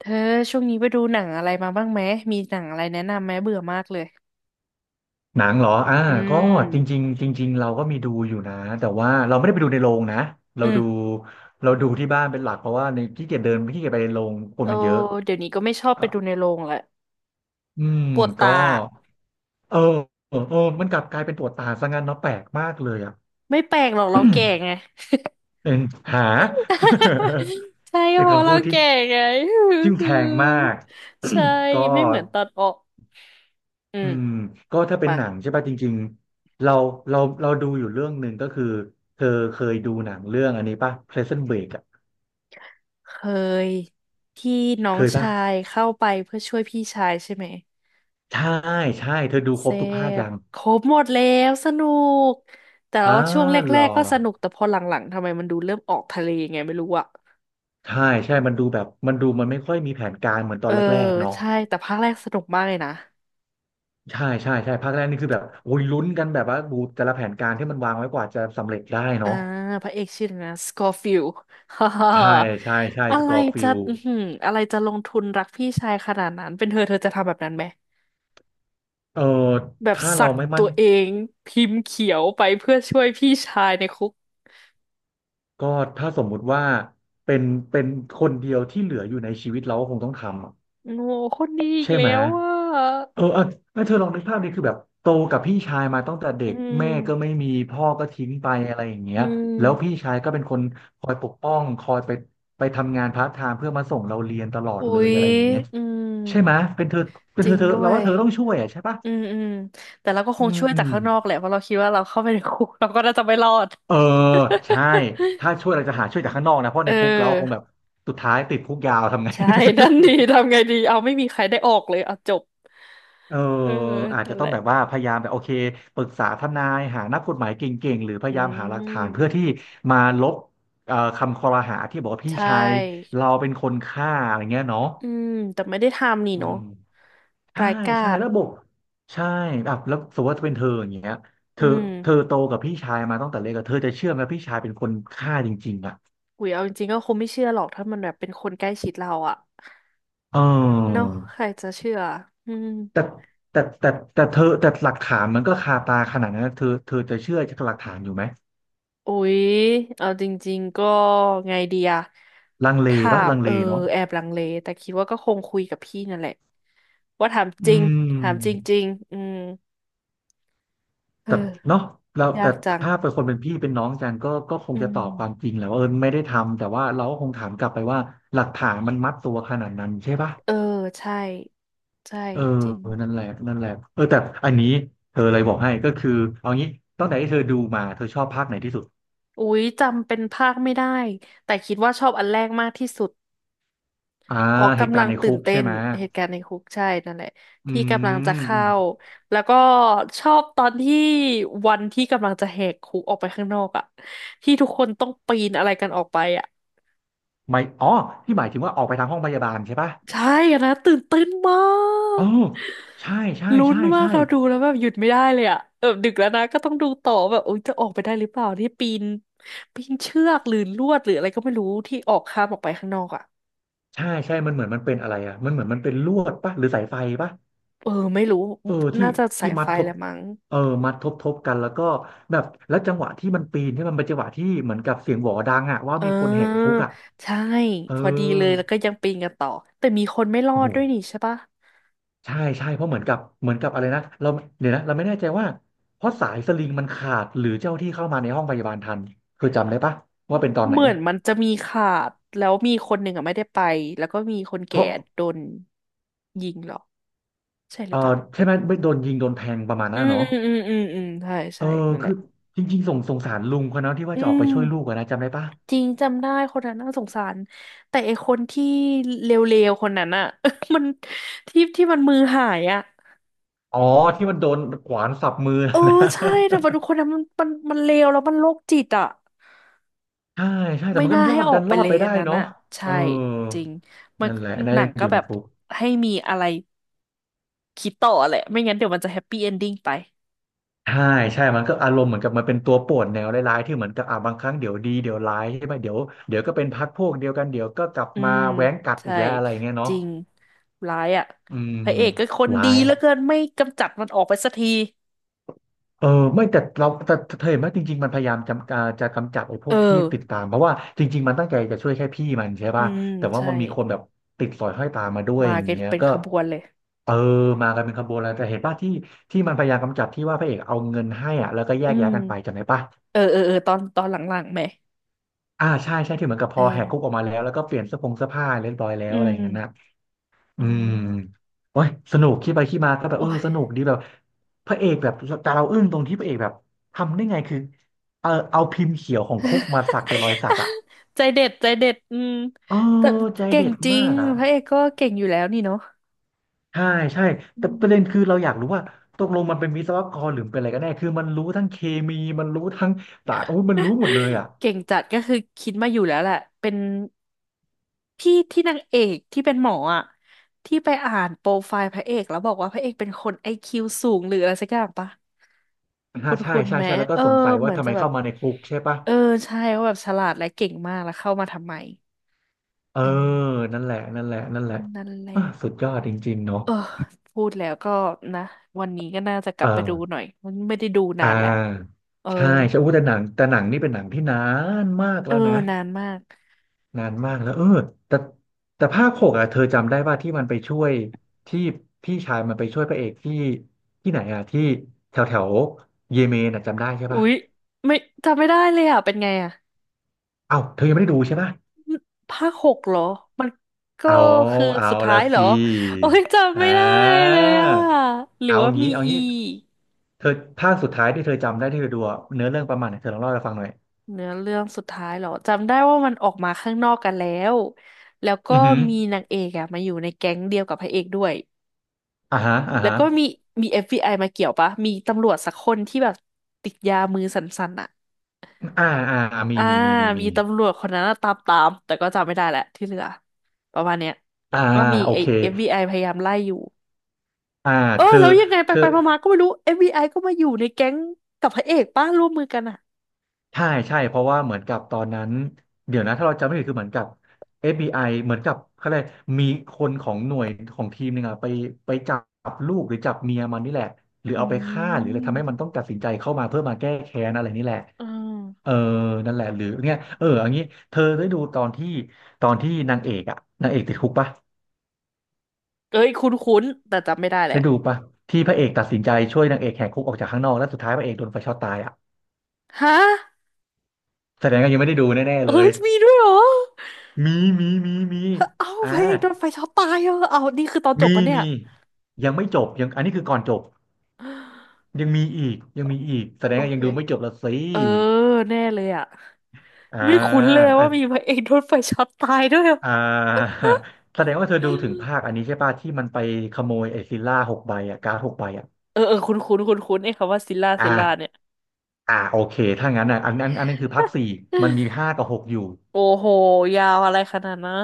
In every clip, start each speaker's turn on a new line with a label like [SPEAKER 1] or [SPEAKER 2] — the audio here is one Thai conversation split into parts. [SPEAKER 1] เธอช่วงนี้ไปดูหนังอะไรมาบ้างไหมมีหนังอะไรแนะนำไหมเบื่อมากเลย
[SPEAKER 2] หนังเหรอ
[SPEAKER 1] อื
[SPEAKER 2] ก็จ
[SPEAKER 1] ม
[SPEAKER 2] ริงๆจริงๆเราก็มีดูอยู่นะ แต่ว่าเราไม่ได้ไปดูในโรงนะ เรา
[SPEAKER 1] อืม
[SPEAKER 2] ดูเราดูที่บ้านเป็นหลักเพราะว่าในขี้เกียจเดินขี้เกียจไปในโรงคน
[SPEAKER 1] โอ้
[SPEAKER 2] มันเยอะ
[SPEAKER 1] เดี๋ยวนี้ก็ไม่ชอบไป
[SPEAKER 2] อ่ะ
[SPEAKER 1] ดูในโรงละ
[SPEAKER 2] อืม
[SPEAKER 1] ปวด
[SPEAKER 2] ก็
[SPEAKER 1] ตา
[SPEAKER 2] เออเออมันกลับกลายเป็นตัวตาซะงั้นเนาะแปลกมากเลยอ่ะ
[SPEAKER 1] ไม่แปลกหรอกเราแก่ไง
[SPEAKER 2] เป็นหา
[SPEAKER 1] ใช่ ก็
[SPEAKER 2] เป็น
[SPEAKER 1] เพราะ
[SPEAKER 2] คำ
[SPEAKER 1] เรา
[SPEAKER 2] พูดที่
[SPEAKER 1] แก่ไง
[SPEAKER 2] ทิ่มแทงมาก
[SPEAKER 1] ใช่
[SPEAKER 2] ก็
[SPEAKER 1] ไม่เหมือนตอนออกอื
[SPEAKER 2] อื
[SPEAKER 1] ม
[SPEAKER 2] มก็ถ้าเป็น
[SPEAKER 1] มา
[SPEAKER 2] หนังใช่ป่ะจริงๆเราดูอยู่เรื่องหนึ่งก็คือเธอเคยดูหนังเรื่องอันนี้ป่ะ Prison Break อ่ะ
[SPEAKER 1] เคยที่น้อ
[SPEAKER 2] เค
[SPEAKER 1] ง
[SPEAKER 2] ยป่ะ
[SPEAKER 1] ชายเข้าไปเพื่อช่วยพี่ชายใช่ไหม
[SPEAKER 2] ใช่ใช่เธอดูค
[SPEAKER 1] เซ
[SPEAKER 2] รบทุกภาค
[SPEAKER 1] ฟ
[SPEAKER 2] ยัง
[SPEAKER 1] ครบหมดแล้วสนุกแต่
[SPEAKER 2] อ่า
[SPEAKER 1] ว่าช่วงแร
[SPEAKER 2] เหรอ
[SPEAKER 1] กๆก็สนุกแต่พอหลังๆทำไมมันดูเริ่มออกทะเลไงไม่รู้อะ
[SPEAKER 2] ใช่ใช่มันดูแบบมันดูมันไม่ค่อยมีแผนการเหมือนตอ
[SPEAKER 1] เอ
[SPEAKER 2] น
[SPEAKER 1] อ
[SPEAKER 2] แรกๆเนาะ
[SPEAKER 1] ใช่แต่ภาคแรกสนุกมากเลยนะ
[SPEAKER 2] ใช่ภาคแรกนี่คือแบบโอ้ยลุ้นกันแบบว่าดูแต่ละแผนการที่มันวางไว้กว่าจะสำเร็จได้
[SPEAKER 1] อ่า
[SPEAKER 2] เนาะ
[SPEAKER 1] พระเอกชื่ออะไรนะสกอร์ ฟิล ฮ่าฮ่า
[SPEAKER 2] ใช่ใช่
[SPEAKER 1] อะ
[SPEAKER 2] ส
[SPEAKER 1] ไร
[SPEAKER 2] กอร์ฟิ
[SPEAKER 1] จะ
[SPEAKER 2] ล
[SPEAKER 1] อือหืออะไรจะลงทุนรักพี่ชายขนาดนั้นเป็นเธอจะทำแบบนั้นไหม
[SPEAKER 2] เออ
[SPEAKER 1] แบบ
[SPEAKER 2] ถ้า
[SPEAKER 1] สั
[SPEAKER 2] เรา
[SPEAKER 1] ก
[SPEAKER 2] ไม่มั่
[SPEAKER 1] ตั
[SPEAKER 2] น
[SPEAKER 1] วเองพิมพ์เขียวไปเพื่อช่วยพี่ชายในคุก
[SPEAKER 2] ก็ถ้าสมมุติว่าเป็นเป็นคนเดียวที่เหลืออยู่ในชีวิตเราก็คงต้องทำอะ
[SPEAKER 1] โอ้โหคนนี้อีก
[SPEAKER 2] ใช่
[SPEAKER 1] แล้
[SPEAKER 2] ไหม
[SPEAKER 1] วอ่ะ
[SPEAKER 2] เออเออแม่เธอลองนึกภาพดิคือแบบโตกับพี่ชายมาตั้งแต่เด็
[SPEAKER 1] อื
[SPEAKER 2] กแม่ก็
[SPEAKER 1] ม
[SPEAKER 2] ไม่มีพ่อก็ทิ้งไปอะไรอย่างเงี้
[SPEAKER 1] อื
[SPEAKER 2] ยแล้วพี่
[SPEAKER 1] ม
[SPEAKER 2] ชายก็เป็นคนคอยปกป้องคอยไปทำงานพาร์ทไทม์เพื่อมาส่งเราเรียนตลอด
[SPEAKER 1] อุ๊
[SPEAKER 2] เลย
[SPEAKER 1] ย
[SPEAKER 2] อะไรอย่างเงี้ย
[SPEAKER 1] อืม
[SPEAKER 2] ใช่ไหมเป็นเธอเป็น
[SPEAKER 1] จ
[SPEAKER 2] เธ
[SPEAKER 1] ริ
[SPEAKER 2] อ
[SPEAKER 1] ง
[SPEAKER 2] เธอ
[SPEAKER 1] ด้
[SPEAKER 2] เรา
[SPEAKER 1] วย
[SPEAKER 2] ว่าเธอต้องช่วยอ่ะใช่ปะ
[SPEAKER 1] อืมอืมแต่เราก็ค
[SPEAKER 2] อื
[SPEAKER 1] งช่วยจากข้างนอกแห
[SPEAKER 2] ม
[SPEAKER 1] ละเพราะเราคิดว่าเราเข้าไปในคุก เราก็น่าจะไม่รอด
[SPEAKER 2] เออใช่ ถ้าช่วยเราจะหาช่วยจากข้างนอกนะเพ
[SPEAKER 1] เ
[SPEAKER 2] ราะในคุกเราคงแบ
[SPEAKER 1] ออ
[SPEAKER 2] บสุดท้ายติดคุกยาวทำไง
[SPEAKER 1] ใช่นั่นดี ทำไงดีเอาไม่มีใครได้ออกเลยเอาจบ
[SPEAKER 2] เออ
[SPEAKER 1] เออ
[SPEAKER 2] อาจ
[SPEAKER 1] นั่
[SPEAKER 2] จะ
[SPEAKER 1] น
[SPEAKER 2] ต้
[SPEAKER 1] แห
[SPEAKER 2] อง
[SPEAKER 1] ละ
[SPEAKER 2] แบบว่าพยายามแบบโอเคปรึกษาทนายหานักกฎหมายเก่งๆหรือพ
[SPEAKER 1] อื
[SPEAKER 2] ยายามหาหลักฐานเพื่อ
[SPEAKER 1] ม
[SPEAKER 2] ที่มาลบคำคอรหาที่บอกว่า
[SPEAKER 1] ใช
[SPEAKER 2] พี่ชาย
[SPEAKER 1] ่
[SPEAKER 2] เราเป็นคนฆ่าอะไรเงี้ยเนาะ
[SPEAKER 1] อืมแต่ไม่ได้ทำนี่
[SPEAKER 2] อื
[SPEAKER 1] เนาะ
[SPEAKER 2] มใช่
[SPEAKER 1] ร้ายกา
[SPEAKER 2] ใช่
[SPEAKER 1] จ
[SPEAKER 2] แล้วบอกใช่แบบแล้วสมมติว่าเป็นเธออย่างเงี้ยเธ
[SPEAKER 1] อื
[SPEAKER 2] อ
[SPEAKER 1] ม
[SPEAKER 2] เธอโตกับพี่ชายมาตั้งแต่เล็กอะเธอจะเชื่อไหมว่าพี่ชายเป็นคนฆ่าจริงๆอ่ะ
[SPEAKER 1] อุ๋ยเอาจริงๆก็คงไม่เชื่อหรอกถ้ามันแบบเป็นคนใกล้ชิดเราอะ
[SPEAKER 2] เ
[SPEAKER 1] เนาะ
[SPEAKER 2] ออ
[SPEAKER 1] ใครจะเชื่ออืม
[SPEAKER 2] แต่แต่แต่แต่เธอแต่หลักฐานมันก็คาตาขนาดนั้นนะเธอจะเชื่อจากหลักฐานอยู่ไหม
[SPEAKER 1] อุ๊ย เอาจริงๆก็ไงดีอะ
[SPEAKER 2] ลังเล
[SPEAKER 1] ถา
[SPEAKER 2] ปะ
[SPEAKER 1] ม
[SPEAKER 2] ลัง
[SPEAKER 1] เอ
[SPEAKER 2] เล
[SPEAKER 1] อ
[SPEAKER 2] เนาะ
[SPEAKER 1] แอบลังเลแต่คิดว่าก็คงคุยกับพี่นั่นแหละว่าถาม
[SPEAKER 2] อื
[SPEAKER 1] จริงถามจ
[SPEAKER 2] ม
[SPEAKER 1] ริงๆอืม
[SPEAKER 2] แต่
[SPEAKER 1] เอ
[SPEAKER 2] เนาะเรา
[SPEAKER 1] อยา
[SPEAKER 2] แต่
[SPEAKER 1] กจัง
[SPEAKER 2] ถ้าเป็นคนเป็นพี่เป็นน้องกันก็คง
[SPEAKER 1] อื
[SPEAKER 2] จะตอบความ
[SPEAKER 1] ม
[SPEAKER 2] จริงแหละว่าเออไม่ได้ทำแต่ว่าเราก็คงถามกลับไปว่าหลักฐานมันมัดตัวขนาดนั้นใช่ปะ
[SPEAKER 1] เออใช่ใช่
[SPEAKER 2] เออ
[SPEAKER 1] จริง
[SPEAKER 2] นั่นแหละนั่นแหละเออแต่อันนี้เธอเลยบอกให้ก็คือเอางี้ตั้งแต่ที่เธอดูมาเธอชอบภาคไหนที่สุด
[SPEAKER 1] อุ๊ยจำเป็นภาคไม่ได้แต่คิดว่าชอบอันแรกมากที่สุด
[SPEAKER 2] อ่า
[SPEAKER 1] เพราะ
[SPEAKER 2] เหตุ
[SPEAKER 1] กำ
[SPEAKER 2] กา
[SPEAKER 1] ลั
[SPEAKER 2] ร
[SPEAKER 1] ง
[SPEAKER 2] ณ์ใน
[SPEAKER 1] ตื่
[SPEAKER 2] คุ
[SPEAKER 1] น
[SPEAKER 2] ก
[SPEAKER 1] เต้
[SPEAKER 2] ใช่
[SPEAKER 1] น
[SPEAKER 2] ไหม
[SPEAKER 1] เหตุการณ์ในคุกใช่นั่นแหละ
[SPEAKER 2] อื
[SPEAKER 1] ที่กำลังจะ
[SPEAKER 2] มอื
[SPEAKER 1] เข้า
[SPEAKER 2] ม
[SPEAKER 1] แล้วก็ชอบตอนที่วันที่กำลังจะแหกคุกออกไปข้างนอกอะที่ทุกคนต้องปีนอะไรกันออกไปอะ
[SPEAKER 2] ไม่อ๋อที่หมายถึงว่าออกไปทางห้องพยาบาลใช่ปะ
[SPEAKER 1] ใช่อะนะตื่นเต้นมา
[SPEAKER 2] อ๋อ
[SPEAKER 1] ก
[SPEAKER 2] ใช่ใช่
[SPEAKER 1] ลุ้น
[SPEAKER 2] ใช่
[SPEAKER 1] มาก
[SPEAKER 2] ใช่
[SPEAKER 1] เราดูแล้วแบบหยุดไม่ได้เลยอะแบบดึกแล้วนะก็ต้องดูต่อแบบโอ๊ยจะออกไปได้หรือเปล่าที่ปีนปีนเชือกหรือลวดหรืออะไรก็ไม่รู้ที่ออกข้ามออกไปข้างนอกอะ
[SPEAKER 2] ใช่มันเหมือนมันเป็นอะไรอ่ะมันเหมือนมันเป็นลวดปะหรือสายไฟปะ
[SPEAKER 1] เออไม่รู้
[SPEAKER 2] เออที่
[SPEAKER 1] น่าจะสา
[SPEAKER 2] ที่
[SPEAKER 1] ย
[SPEAKER 2] มั
[SPEAKER 1] ไฟ
[SPEAKER 2] ดท
[SPEAKER 1] แห
[SPEAKER 2] บ
[SPEAKER 1] ละมั้ง
[SPEAKER 2] เออมัดทบกันแล้วก็แบบแล้วจังหวะที่มันปีนที่มันเป็นจังหวะที่เหมือนกับเสียงหวอดังอะว่า
[SPEAKER 1] เ
[SPEAKER 2] มีคนแหกคุก
[SPEAKER 1] ออ
[SPEAKER 2] อะ
[SPEAKER 1] ใช่
[SPEAKER 2] เออ
[SPEAKER 1] พอดีเลยแล้วก็ยังปีนกันต่อแต่มีคนไม่รอ
[SPEAKER 2] โอ้
[SPEAKER 1] ด
[SPEAKER 2] โห
[SPEAKER 1] ด้วยนี่ใช่ปะ
[SPEAKER 2] ใช่ใช่เพราะเหมือนกับอะไรนะเราเดี๋ยวนะเราไม่แน่ใจว่าเพราะสายสลิงมันขาดหรือเจ้าที่เข้ามาในห้องพยาบาลทันเคอจำได้ปะว่าเป็นตอนไห
[SPEAKER 1] เห
[SPEAKER 2] น
[SPEAKER 1] มือนมันจะมีขาดแล้วมีคนหนึ่งอะไม่ได้ไปแล้วก็มีคน
[SPEAKER 2] เพ
[SPEAKER 1] แก่
[SPEAKER 2] ราะ
[SPEAKER 1] โดนยิงเหรอใช่ห
[SPEAKER 2] เอ
[SPEAKER 1] รื
[SPEAKER 2] อ
[SPEAKER 1] อเปล่า
[SPEAKER 2] ใช่ไหมไม่โดนยิงโดนแทงประมาณ
[SPEAKER 1] อื
[SPEAKER 2] นั้น
[SPEAKER 1] ม
[SPEAKER 2] อะเนาะ
[SPEAKER 1] อืมอืมอืมอืมใช่
[SPEAKER 2] เอ
[SPEAKER 1] ใช่
[SPEAKER 2] อ
[SPEAKER 1] นั่นแห
[SPEAKER 2] คื
[SPEAKER 1] ละ
[SPEAKER 2] อจริงๆสงสารลุงคนนั้นที่ว่า
[SPEAKER 1] อื
[SPEAKER 2] จะออกไปช่วยลูก
[SPEAKER 1] ม
[SPEAKER 2] อะนะจำได้ปะ
[SPEAKER 1] จริงจำได้คนนั้นน่าสงสารแต่ไอคนที่เลวๆคนนั้นอะ มันที่มันมือหายอะ
[SPEAKER 2] อ๋อที่มันโดนขวานสับมือ
[SPEAKER 1] เออ
[SPEAKER 2] นะ
[SPEAKER 1] ใช่แต่ว่าทุกคนนั้นมันเลวแล้วมันโรคจิตอะ
[SPEAKER 2] ใช่ใช่แต่
[SPEAKER 1] ไม่
[SPEAKER 2] มันก็
[SPEAKER 1] น่า
[SPEAKER 2] รอ
[SPEAKER 1] ให้
[SPEAKER 2] ด
[SPEAKER 1] ออกไป
[SPEAKER 2] รอ
[SPEAKER 1] เล
[SPEAKER 2] ดไป
[SPEAKER 1] ยอั
[SPEAKER 2] ได้
[SPEAKER 1] นนั้น
[SPEAKER 2] เนาะ
[SPEAKER 1] อ่ะ
[SPEAKER 2] เอ
[SPEAKER 1] ใช่
[SPEAKER 2] อ
[SPEAKER 1] จริงมัน
[SPEAKER 2] นั่นแหละนา
[SPEAKER 1] ห
[SPEAKER 2] ย
[SPEAKER 1] นั
[SPEAKER 2] มั
[SPEAKER 1] ง
[SPEAKER 2] นอ
[SPEAKER 1] ก็
[SPEAKER 2] ยู่
[SPEAKER 1] แบ
[SPEAKER 2] ใน
[SPEAKER 1] บ
[SPEAKER 2] คุก
[SPEAKER 1] ให้มีอะไรคิดต่อแหละไม่งั้นเดี๋ยวมันจะแฮปปี้เอนดิ้งไป
[SPEAKER 2] ใช่ใช่มันก็อารมณ์เหมือนกับมันเป็นตัวป่วนแนวร้ายๆที่เหมือนกับอ่าบางครั้งเดี๋ยวดีเดี๋ยวร้ายใช่ไหมเดี๋ยวก็เป็นพรรคพวกเดียวกันเดี๋ยวก็กลับ
[SPEAKER 1] อื
[SPEAKER 2] มา
[SPEAKER 1] ม
[SPEAKER 2] แว้งกัดอี
[SPEAKER 1] ใช่
[SPEAKER 2] กแล้วอะไรอย่างเงี้ย
[SPEAKER 1] จ
[SPEAKER 2] เนาะ
[SPEAKER 1] ริงร้ายอ่ะ
[SPEAKER 2] อืม
[SPEAKER 1] พระเอกก็คน
[SPEAKER 2] ร้า
[SPEAKER 1] ดี
[SPEAKER 2] ย
[SPEAKER 1] เหลือเกินไม่กำจัดมันออกไปสักที
[SPEAKER 2] เออไม่แต่เราแต่เธอเห็นไหมจริงๆมันพยายามจะกำจัดไอ้พ
[SPEAKER 1] เอ
[SPEAKER 2] วกที่ติด
[SPEAKER 1] อ
[SPEAKER 2] ตามเพราะว่าจริงๆมันตั้งใจจะช่วยแค่พี่มันใช่
[SPEAKER 1] อื
[SPEAKER 2] ป่ะ
[SPEAKER 1] ม
[SPEAKER 2] แต่ว่า
[SPEAKER 1] ใช่
[SPEAKER 2] มันมีคนแบบติดสอยห้อยตามมาด้วย
[SPEAKER 1] มา
[SPEAKER 2] อย่าง
[SPEAKER 1] กัน
[SPEAKER 2] เงี้ย
[SPEAKER 1] เป็น
[SPEAKER 2] ก็
[SPEAKER 1] ขบวนเลย
[SPEAKER 2] เออมากันเป็นขบวนแล้วแต่เห็นป่ะที่มันพยายามกำจัดที่ว่าพระเอกเอาเงินให้อ่ะแล้วก็แย
[SPEAKER 1] อื
[SPEAKER 2] ก
[SPEAKER 1] ม
[SPEAKER 2] ย้ายกันไปจำได้ป่ะ
[SPEAKER 1] เออเออเออตอนตอนหลังๆไหม
[SPEAKER 2] อ่าใช่ใช่ที่เหมือนกับพ
[SPEAKER 1] เอ
[SPEAKER 2] อแห
[SPEAKER 1] อ
[SPEAKER 2] กคุกออกมาแล้วแล้วก็เปลี่ยนเสื้อผ้าเรียบร้อยแล้ว
[SPEAKER 1] อื
[SPEAKER 2] อะไรอย่างนั้นนะ
[SPEAKER 1] ม
[SPEAKER 2] อื
[SPEAKER 1] อื
[SPEAKER 2] ม
[SPEAKER 1] ม
[SPEAKER 2] โอ้ยสนุกคิดไปคิดมาก็แบบเอ
[SPEAKER 1] โอ้
[SPEAKER 2] อ
[SPEAKER 1] ย
[SPEAKER 2] สนุกดีแบบพระเอกแบบแต่เราอึ้งตรงที่พระเอกแบบทำได้ไงคือเออเอาพิมพ์เขียวของคุกมาสัก เป็นรอยสักอ่ะ
[SPEAKER 1] ใจเด็ดใจเด็ดอืม
[SPEAKER 2] เออ
[SPEAKER 1] แต่
[SPEAKER 2] ใจ
[SPEAKER 1] เก่ง
[SPEAKER 2] เด็ด
[SPEAKER 1] จริ
[SPEAKER 2] มา
[SPEAKER 1] ง
[SPEAKER 2] กอ่ะ
[SPEAKER 1] พระเอกก็เก่งอยู่แล้วนี่เนาะ
[SPEAKER 2] ใช่ใช่
[SPEAKER 1] อื
[SPEAKER 2] แต่ประเด็นคื
[SPEAKER 1] ม
[SPEAKER 2] อเราอยากรู้ว่าตกลงมันเป็นวิศวกรหรือเป็นอะไรกันแน่คือมันรู้ทั้งเคมีมันรู้ทั้งสารโอ้ยมันรู้หมดเลยอ่ะ
[SPEAKER 1] เก่งจัดก็คือคิดมาอยู่แล้วแหละเป็นพี่ที่นางเอกที่เป็นหมออ่ะที่ไปอ่านโปรไฟล์พระเอกแล้วบอกว่าพระเอกเป็นคนไอคิวสูงหรืออะไรสักอย่างปะคุ
[SPEAKER 2] ฮะ
[SPEAKER 1] ณ
[SPEAKER 2] ใช่
[SPEAKER 1] คุณ
[SPEAKER 2] ใช่
[SPEAKER 1] แม้
[SPEAKER 2] ใช่แล้วก็
[SPEAKER 1] เออ
[SPEAKER 2] สงสัย
[SPEAKER 1] เห
[SPEAKER 2] ว่า
[SPEAKER 1] มือน
[SPEAKER 2] ทำไม
[SPEAKER 1] จะแบ
[SPEAKER 2] เข้า
[SPEAKER 1] บ
[SPEAKER 2] มาในคุกใช่ปะ
[SPEAKER 1] เออใช่ว่าแบบฉลาดและเก่งมากแล้วเข้ามาทำไม
[SPEAKER 2] เออ
[SPEAKER 1] อืม
[SPEAKER 2] นั่นแหละนั่นแหละนั่นแหละ
[SPEAKER 1] นั่นแหละ
[SPEAKER 2] อ่ะสุดยอดจริงๆเนาะ
[SPEAKER 1] เออพูดแล้วก็นะวันนี้ก็น่าจะก
[SPEAKER 2] เอ
[SPEAKER 1] ลั
[SPEAKER 2] อ
[SPEAKER 1] บไปดูหน่อยมันไม่ได้ดู
[SPEAKER 2] อ่
[SPEAKER 1] นานแหละ
[SPEAKER 2] า
[SPEAKER 1] เออ
[SPEAKER 2] ใช่ใช่อู้แต่หนังนี่เป็นหนังที่นานมาก
[SPEAKER 1] เอ
[SPEAKER 2] แล้
[SPEAKER 1] อ
[SPEAKER 2] วนะ
[SPEAKER 1] นานมาก
[SPEAKER 2] นานมากแล้วเออแต่แต่ภาคหกอ่ะเธอจำได้ว่าที่มันไปช่วยที่พี่ชายมันไปช่วยพระเอกที่ที่ไหนอ่ะที่แถวแถวเยเมนอ่ะจำได้ใช่
[SPEAKER 1] อุ๊
[SPEAKER 2] ป่ะ
[SPEAKER 1] ยไม่จำไม่ได้เลยอ่ะเป็นไงอ่ะ
[SPEAKER 2] เอ้าเธอยังไม่ได้ดูใช่ป่ะ
[SPEAKER 1] ภาคหกเหรอมันก็
[SPEAKER 2] เอา
[SPEAKER 1] คือ
[SPEAKER 2] เอา
[SPEAKER 1] สุดท้า
[SPEAKER 2] ละ
[SPEAKER 1] ยเหรอ
[SPEAKER 2] สิ
[SPEAKER 1] โอ้ยจำ
[SPEAKER 2] อ่
[SPEAKER 1] ไม่ได้
[SPEAKER 2] า
[SPEAKER 1] เลยอ่ะหรือ
[SPEAKER 2] เอา
[SPEAKER 1] ว่ามี
[SPEAKER 2] งี้เอา
[SPEAKER 1] อี
[SPEAKER 2] งี้
[SPEAKER 1] ก
[SPEAKER 2] เธอภาคสุดท้ายที่เธอจำได้ที่เธอดูอะเนื้อเรื่องประมาณไหนเธอลองเล่าให้ฟังหน่อย
[SPEAKER 1] เนื้อเรื่องสุดท้ายเหรอจำได้ว่ามันออกมาข้างนอกกันแล้วแล้วก็
[SPEAKER 2] อือหือ
[SPEAKER 1] มีนางเอกอะมาอยู่ในแก๊งเดียวกับพระเอกด้วย
[SPEAKER 2] อ่าฮะอ่า
[SPEAKER 1] แล้ว
[SPEAKER 2] ฮะ
[SPEAKER 1] ก็มี f ไ i มาเกี่ยวปะ มีตำรวจสักคนที่แบบติดยามือสั่นๆอ่ะ
[SPEAKER 2] อ่าอ่ามี
[SPEAKER 1] อ่า
[SPEAKER 2] มีมีมี
[SPEAKER 1] มี
[SPEAKER 2] มี
[SPEAKER 1] ตำรวจคนนั้นอะตามแต่ก็จำไม่ได้แหละที่เหลือประมาณเนี้ย
[SPEAKER 2] อ่า
[SPEAKER 1] ว่ามี
[SPEAKER 2] โอ
[SPEAKER 1] ไอ้
[SPEAKER 2] เค
[SPEAKER 1] f ไ i พยายามไล่อยู่
[SPEAKER 2] อ่า
[SPEAKER 1] เออ
[SPEAKER 2] คือ
[SPEAKER 1] แล้วยังไงไป
[SPEAKER 2] คือ
[SPEAKER 1] ไปมาๆก็ไม่รู้ f ไ i ก็มาอยู่ในแก๊งกับพระเอกป้าร่วมมือกันอ่ะ
[SPEAKER 2] ใช่ใช่เพราะว่าเหมือนกับตอนนั้นเดี๋ยวนะถ้าเราจำไม่ผิดคือเหมือนกับเอฟบี FBI เหมือนกับเขาเลยกอะไรมีคนของหน่วยของทีมหนึงอะไปจับลูกหรือจับเมียมันนี่แหละหรือ
[SPEAKER 1] อื
[SPEAKER 2] เอาไปฆ่าหรืออะไรทำให้มัน
[SPEAKER 1] ม
[SPEAKER 2] ต้องตัดสินใจเข้ามาเพื่อมาแก้แค้นอะไรนี่แหละ
[SPEAKER 1] อืม
[SPEAKER 2] เออนั่นแหละหรือเนี่ยเอออย่างนี้เธอได้ดูตอนที่นางเอกอะนางเอกติดคุกปะ
[SPEAKER 1] เอ้ยคุ้นๆแต่จำไม่ได้แหละ
[SPEAKER 2] ได้ดูปะที่พระเอกตัดสินใจช่วยนางเอกแหกคุกออกจากข้างนอกแล้วสุดท้ายพระเอกโดนไฟช็อตตายอะ
[SPEAKER 1] ฮะ
[SPEAKER 2] แสดงว่ายังไม่ได้ดูแน่ๆเล
[SPEAKER 1] เอ้
[SPEAKER 2] ย
[SPEAKER 1] ยมีด้วยเหรอ
[SPEAKER 2] มีมีมีมี
[SPEAKER 1] เอ้า
[SPEAKER 2] อ่า
[SPEAKER 1] พระเอกโดนไฟช็อตตายเหรอเอานี่คือตอนจบ
[SPEAKER 2] มี
[SPEAKER 1] ปะเนี่ย
[SPEAKER 2] มียังไม่จบยังอันนี้คือก่อนจบยังมีอีกยังมีอีกแสด
[SPEAKER 1] โอ
[SPEAKER 2] งว่ายั
[SPEAKER 1] เค
[SPEAKER 2] งดูไม่จบละสิ
[SPEAKER 1] เออแน่เลยอ่ะ
[SPEAKER 2] อ่า
[SPEAKER 1] ไม่คุ้นเลย
[SPEAKER 2] อ่า
[SPEAKER 1] ว่ามีพระเอกโดนไฟช็อตตายด้วยอะ
[SPEAKER 2] อ่า แสดงว่าเธอดูถึงภาคอันนี้ใช่ป่ะที่มันไปขโมยไอ้ซิลล่าหกใบอ่ะการ์ดหกใบอ่ะ
[SPEAKER 1] เออเออคุ้นคุ้นคุ้นคุ้นไอ้คำว่าซิลล่าซิลล่าเนี่
[SPEAKER 2] อ่า
[SPEAKER 1] ย
[SPEAKER 2] อ่าโอเคถ้างั้นอ่ะอันนั้นคือภาคสี่มันมีห้ากับหกอยู่
[SPEAKER 1] โอ้โหยาวอะไรขนาดนั้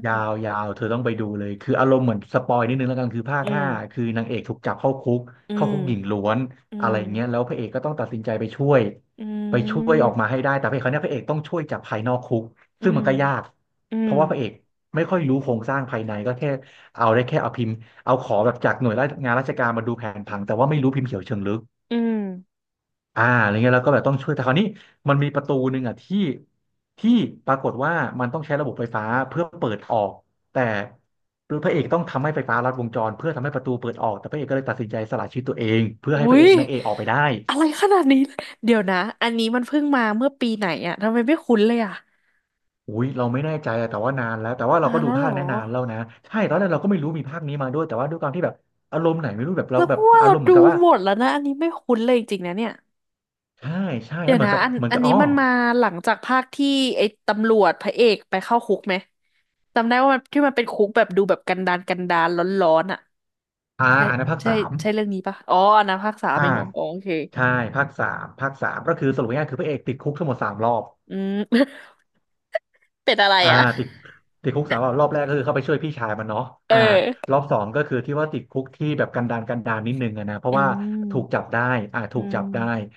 [SPEAKER 1] น
[SPEAKER 2] ยาวยาวเธอต้องไปดูเลย คืออารมณ์เหมือนสปอยนิดนึงแล้วกันคือภาค
[SPEAKER 1] อืม
[SPEAKER 2] ห้าคือนางเอกถูกจับเข้าคุก
[SPEAKER 1] อื
[SPEAKER 2] เข้า
[SPEAKER 1] ม
[SPEAKER 2] คุกหญิงล้วน
[SPEAKER 1] อื
[SPEAKER 2] อะ
[SPEAKER 1] ม
[SPEAKER 2] ไรเงี้ย แล้วพระเอกก็ต้องตัดสินใจไปช่วย
[SPEAKER 1] อื
[SPEAKER 2] ไปช่วยออก
[SPEAKER 1] ม
[SPEAKER 2] มาให้ได้ แต่พระเอกคนเนี้ยพระเอกต้องช่วยจากภายนอกคุก
[SPEAKER 1] อื
[SPEAKER 2] ซึ่ง
[SPEAKER 1] ม
[SPEAKER 2] มันก็ยาก
[SPEAKER 1] อื
[SPEAKER 2] เพ
[SPEAKER 1] ม
[SPEAKER 2] ราะว่าพระเอกไม่ค่อยรู้โครงสร้างภายในก็แค่เอาได้แค่เอาพิมพ์เอาขอแบบจากหน่วยงานราชการมาดูแผนผังแต่ว่าไม่รู้พิมพ์เขียวเชิงลึก
[SPEAKER 1] อืม
[SPEAKER 2] อ่าอะไรเงี้ยแล้วก็แบบต้องช่วยแต่คราวนี้มันมีประตูหนึ่งอ่ะที่ปรากฏว่ามันต้องใช้ระบบไฟฟ้าเพื่อเปิดออกแต่พระเอกต้องทำให้ไฟฟ้าลัดวงจรเพื่อทำให้ประตูเปิดออกแต่พระเอกก็เลยตัดสินใจสละชีวิตตัวเองเพื่อ
[SPEAKER 1] อุ้
[SPEAKER 2] ให้พระเอ
[SPEAKER 1] ย
[SPEAKER 2] กนางเอกออกไปได้
[SPEAKER 1] อะไรขนาดนี้เดี๋ยวนะอันนี้มันเพิ่งมาเมื่อปีไหนอะทำไมไม่คุ้นเลยอะ
[SPEAKER 2] อุ้ยเราไม่แน่ใจอะแต่ว่านานแล้วแต่ว่าเรา
[SPEAKER 1] นา
[SPEAKER 2] ก็
[SPEAKER 1] น
[SPEAKER 2] ดู
[SPEAKER 1] แล้วเหร
[SPEAKER 2] ภาค
[SPEAKER 1] อ
[SPEAKER 2] นั้นนานแล้วนะใช่ตอนแรกเราก็ไม่รู้มีภาคนี้มาด้วยแต่ว่าด้วยความที่แบบอารมณ์ไหนไม่รู้แบบเรา
[SPEAKER 1] แล้วเพ
[SPEAKER 2] แบบ
[SPEAKER 1] ราะว่า
[SPEAKER 2] อา
[SPEAKER 1] เรา
[SPEAKER 2] รมณ์เหมื
[SPEAKER 1] ดู
[SPEAKER 2] อนกับว่า
[SPEAKER 1] หมดแล้วนะอันนี้ไม่คุ้นเลยจริงๆนะเนี่ย
[SPEAKER 2] ใช่ใช่
[SPEAKER 1] เดี๋
[SPEAKER 2] แล้
[SPEAKER 1] ย
[SPEAKER 2] ว
[SPEAKER 1] ว
[SPEAKER 2] เหมือ
[SPEAKER 1] นะ
[SPEAKER 2] นกับ
[SPEAKER 1] อัน
[SPEAKER 2] เหมือน
[SPEAKER 1] อั
[SPEAKER 2] กั
[SPEAKER 1] น
[SPEAKER 2] บ
[SPEAKER 1] นี้
[SPEAKER 2] อ๋อ
[SPEAKER 1] มันมาหลังจากภาคที่ไอ้ตำรวจพระเอกไปเข้าคุกไหมจำได้ว่ามันที่มันเป็นคุกแบบดูแบบกันดารกันดารร้อนๆอ่ะ
[SPEAKER 2] อ่า
[SPEAKER 1] ใช่
[SPEAKER 2] อันนั้นภาค
[SPEAKER 1] ใช่
[SPEAKER 2] สาม
[SPEAKER 1] ใช่เรื่องนี้ปะอ๋ออันนั้นภาคสาม
[SPEAKER 2] อ่า
[SPEAKER 1] เองเหรออ๋อโอเค
[SPEAKER 2] ใช่ภาคสามภาคสามก็คือสรุปง่ายๆคือพระเอกติดคุกทั้งหมดสามรอบ
[SPEAKER 1] อืม เป็นอะไร
[SPEAKER 2] อ่า
[SPEAKER 1] อ่ะ
[SPEAKER 2] ติดติดคุกสามรอบรอบแรกก็คือเข้าไปช่วยพี่ชายมันเนาะ
[SPEAKER 1] เอ
[SPEAKER 2] อ่า
[SPEAKER 1] อ
[SPEAKER 2] รอบสองก็คือที่ว่าติดคุกที่แบบกันดารกันดารนิดนึงอะนะเพราะ
[SPEAKER 1] อื
[SPEAKER 2] ว่าถูกจั
[SPEAKER 1] ม
[SPEAKER 2] บได้อ่า
[SPEAKER 1] อื
[SPEAKER 2] ถูกจับได้
[SPEAKER 1] ม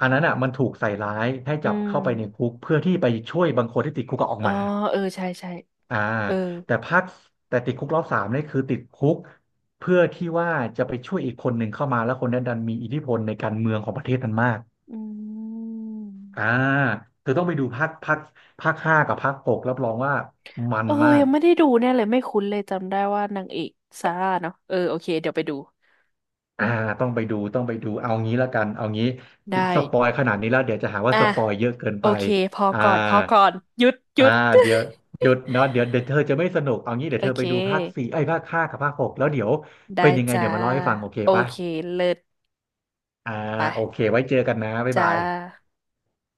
[SPEAKER 2] อันนั้นอ่ะมันถูกใส่ร้ายให้
[SPEAKER 1] อื
[SPEAKER 2] จับ
[SPEAKER 1] ม
[SPEAKER 2] เข้าไปในคุกเพื่อที่ไปช่วยบางคนที่ติดคุกก็ออก
[SPEAKER 1] อ๋อ
[SPEAKER 2] มา
[SPEAKER 1] เออใช่ใช่
[SPEAKER 2] อ่า
[SPEAKER 1] เออ
[SPEAKER 2] แต่ภาคแต่ติดคุกรอบสามนี่คือติดคุกเพื่อที่ว่าจะไปช่วยอีกคนหนึ่งเข้ามาแล้วคนนั้นดันมีอิทธิพลในการเมืองของประเทศนั้นมาก
[SPEAKER 1] อืม
[SPEAKER 2] อ่าเธอต้องไปดูภาคห้ากับภาคหกรับรองว่ามั
[SPEAKER 1] เอ
[SPEAKER 2] น
[SPEAKER 1] อ
[SPEAKER 2] มา
[SPEAKER 1] ยั
[SPEAKER 2] ก
[SPEAKER 1] งไม่ได้ดูเนี่ยเลยไม่คุ้นเลยจำได้ว่านางเอกซาร่าเนาะเออโอเคเดี๋ยวไปดู
[SPEAKER 2] อ่าต้องไปดูเอางี้ละกันเอางี้
[SPEAKER 1] ได้
[SPEAKER 2] สปอยขนาดนี้แล้วเดี๋ยวจะหาว่า
[SPEAKER 1] อ่ะ
[SPEAKER 2] สปอยเยอะเกิน
[SPEAKER 1] โอ
[SPEAKER 2] ไป
[SPEAKER 1] เคพอ
[SPEAKER 2] อ่า
[SPEAKER 1] ก่อนพอก่อนหยุดหยุ
[SPEAKER 2] อ่า
[SPEAKER 1] ด
[SPEAKER 2] เดี๋ยวเดี๋ยวเนาะเดี๋ยวเธอจะไม่สนุกเอางี้เดี๋ย
[SPEAKER 1] โอ
[SPEAKER 2] วเธอ
[SPEAKER 1] เค
[SPEAKER 2] ไปดูภาคสี่ไอ้ยภาคห้ากับภาคหกแล้วเดี๋ยว
[SPEAKER 1] ได้
[SPEAKER 2] เป็นยังไง
[SPEAKER 1] จ้า
[SPEAKER 2] เดี๋ยวมาเล่าให้ฟังโอเค
[SPEAKER 1] โอ
[SPEAKER 2] ปะ
[SPEAKER 1] เคเลิศ
[SPEAKER 2] อ่าโอเค
[SPEAKER 1] ไป
[SPEAKER 2] ไว้เจอกันนะบ๊าย
[SPEAKER 1] จ้า
[SPEAKER 2] บาย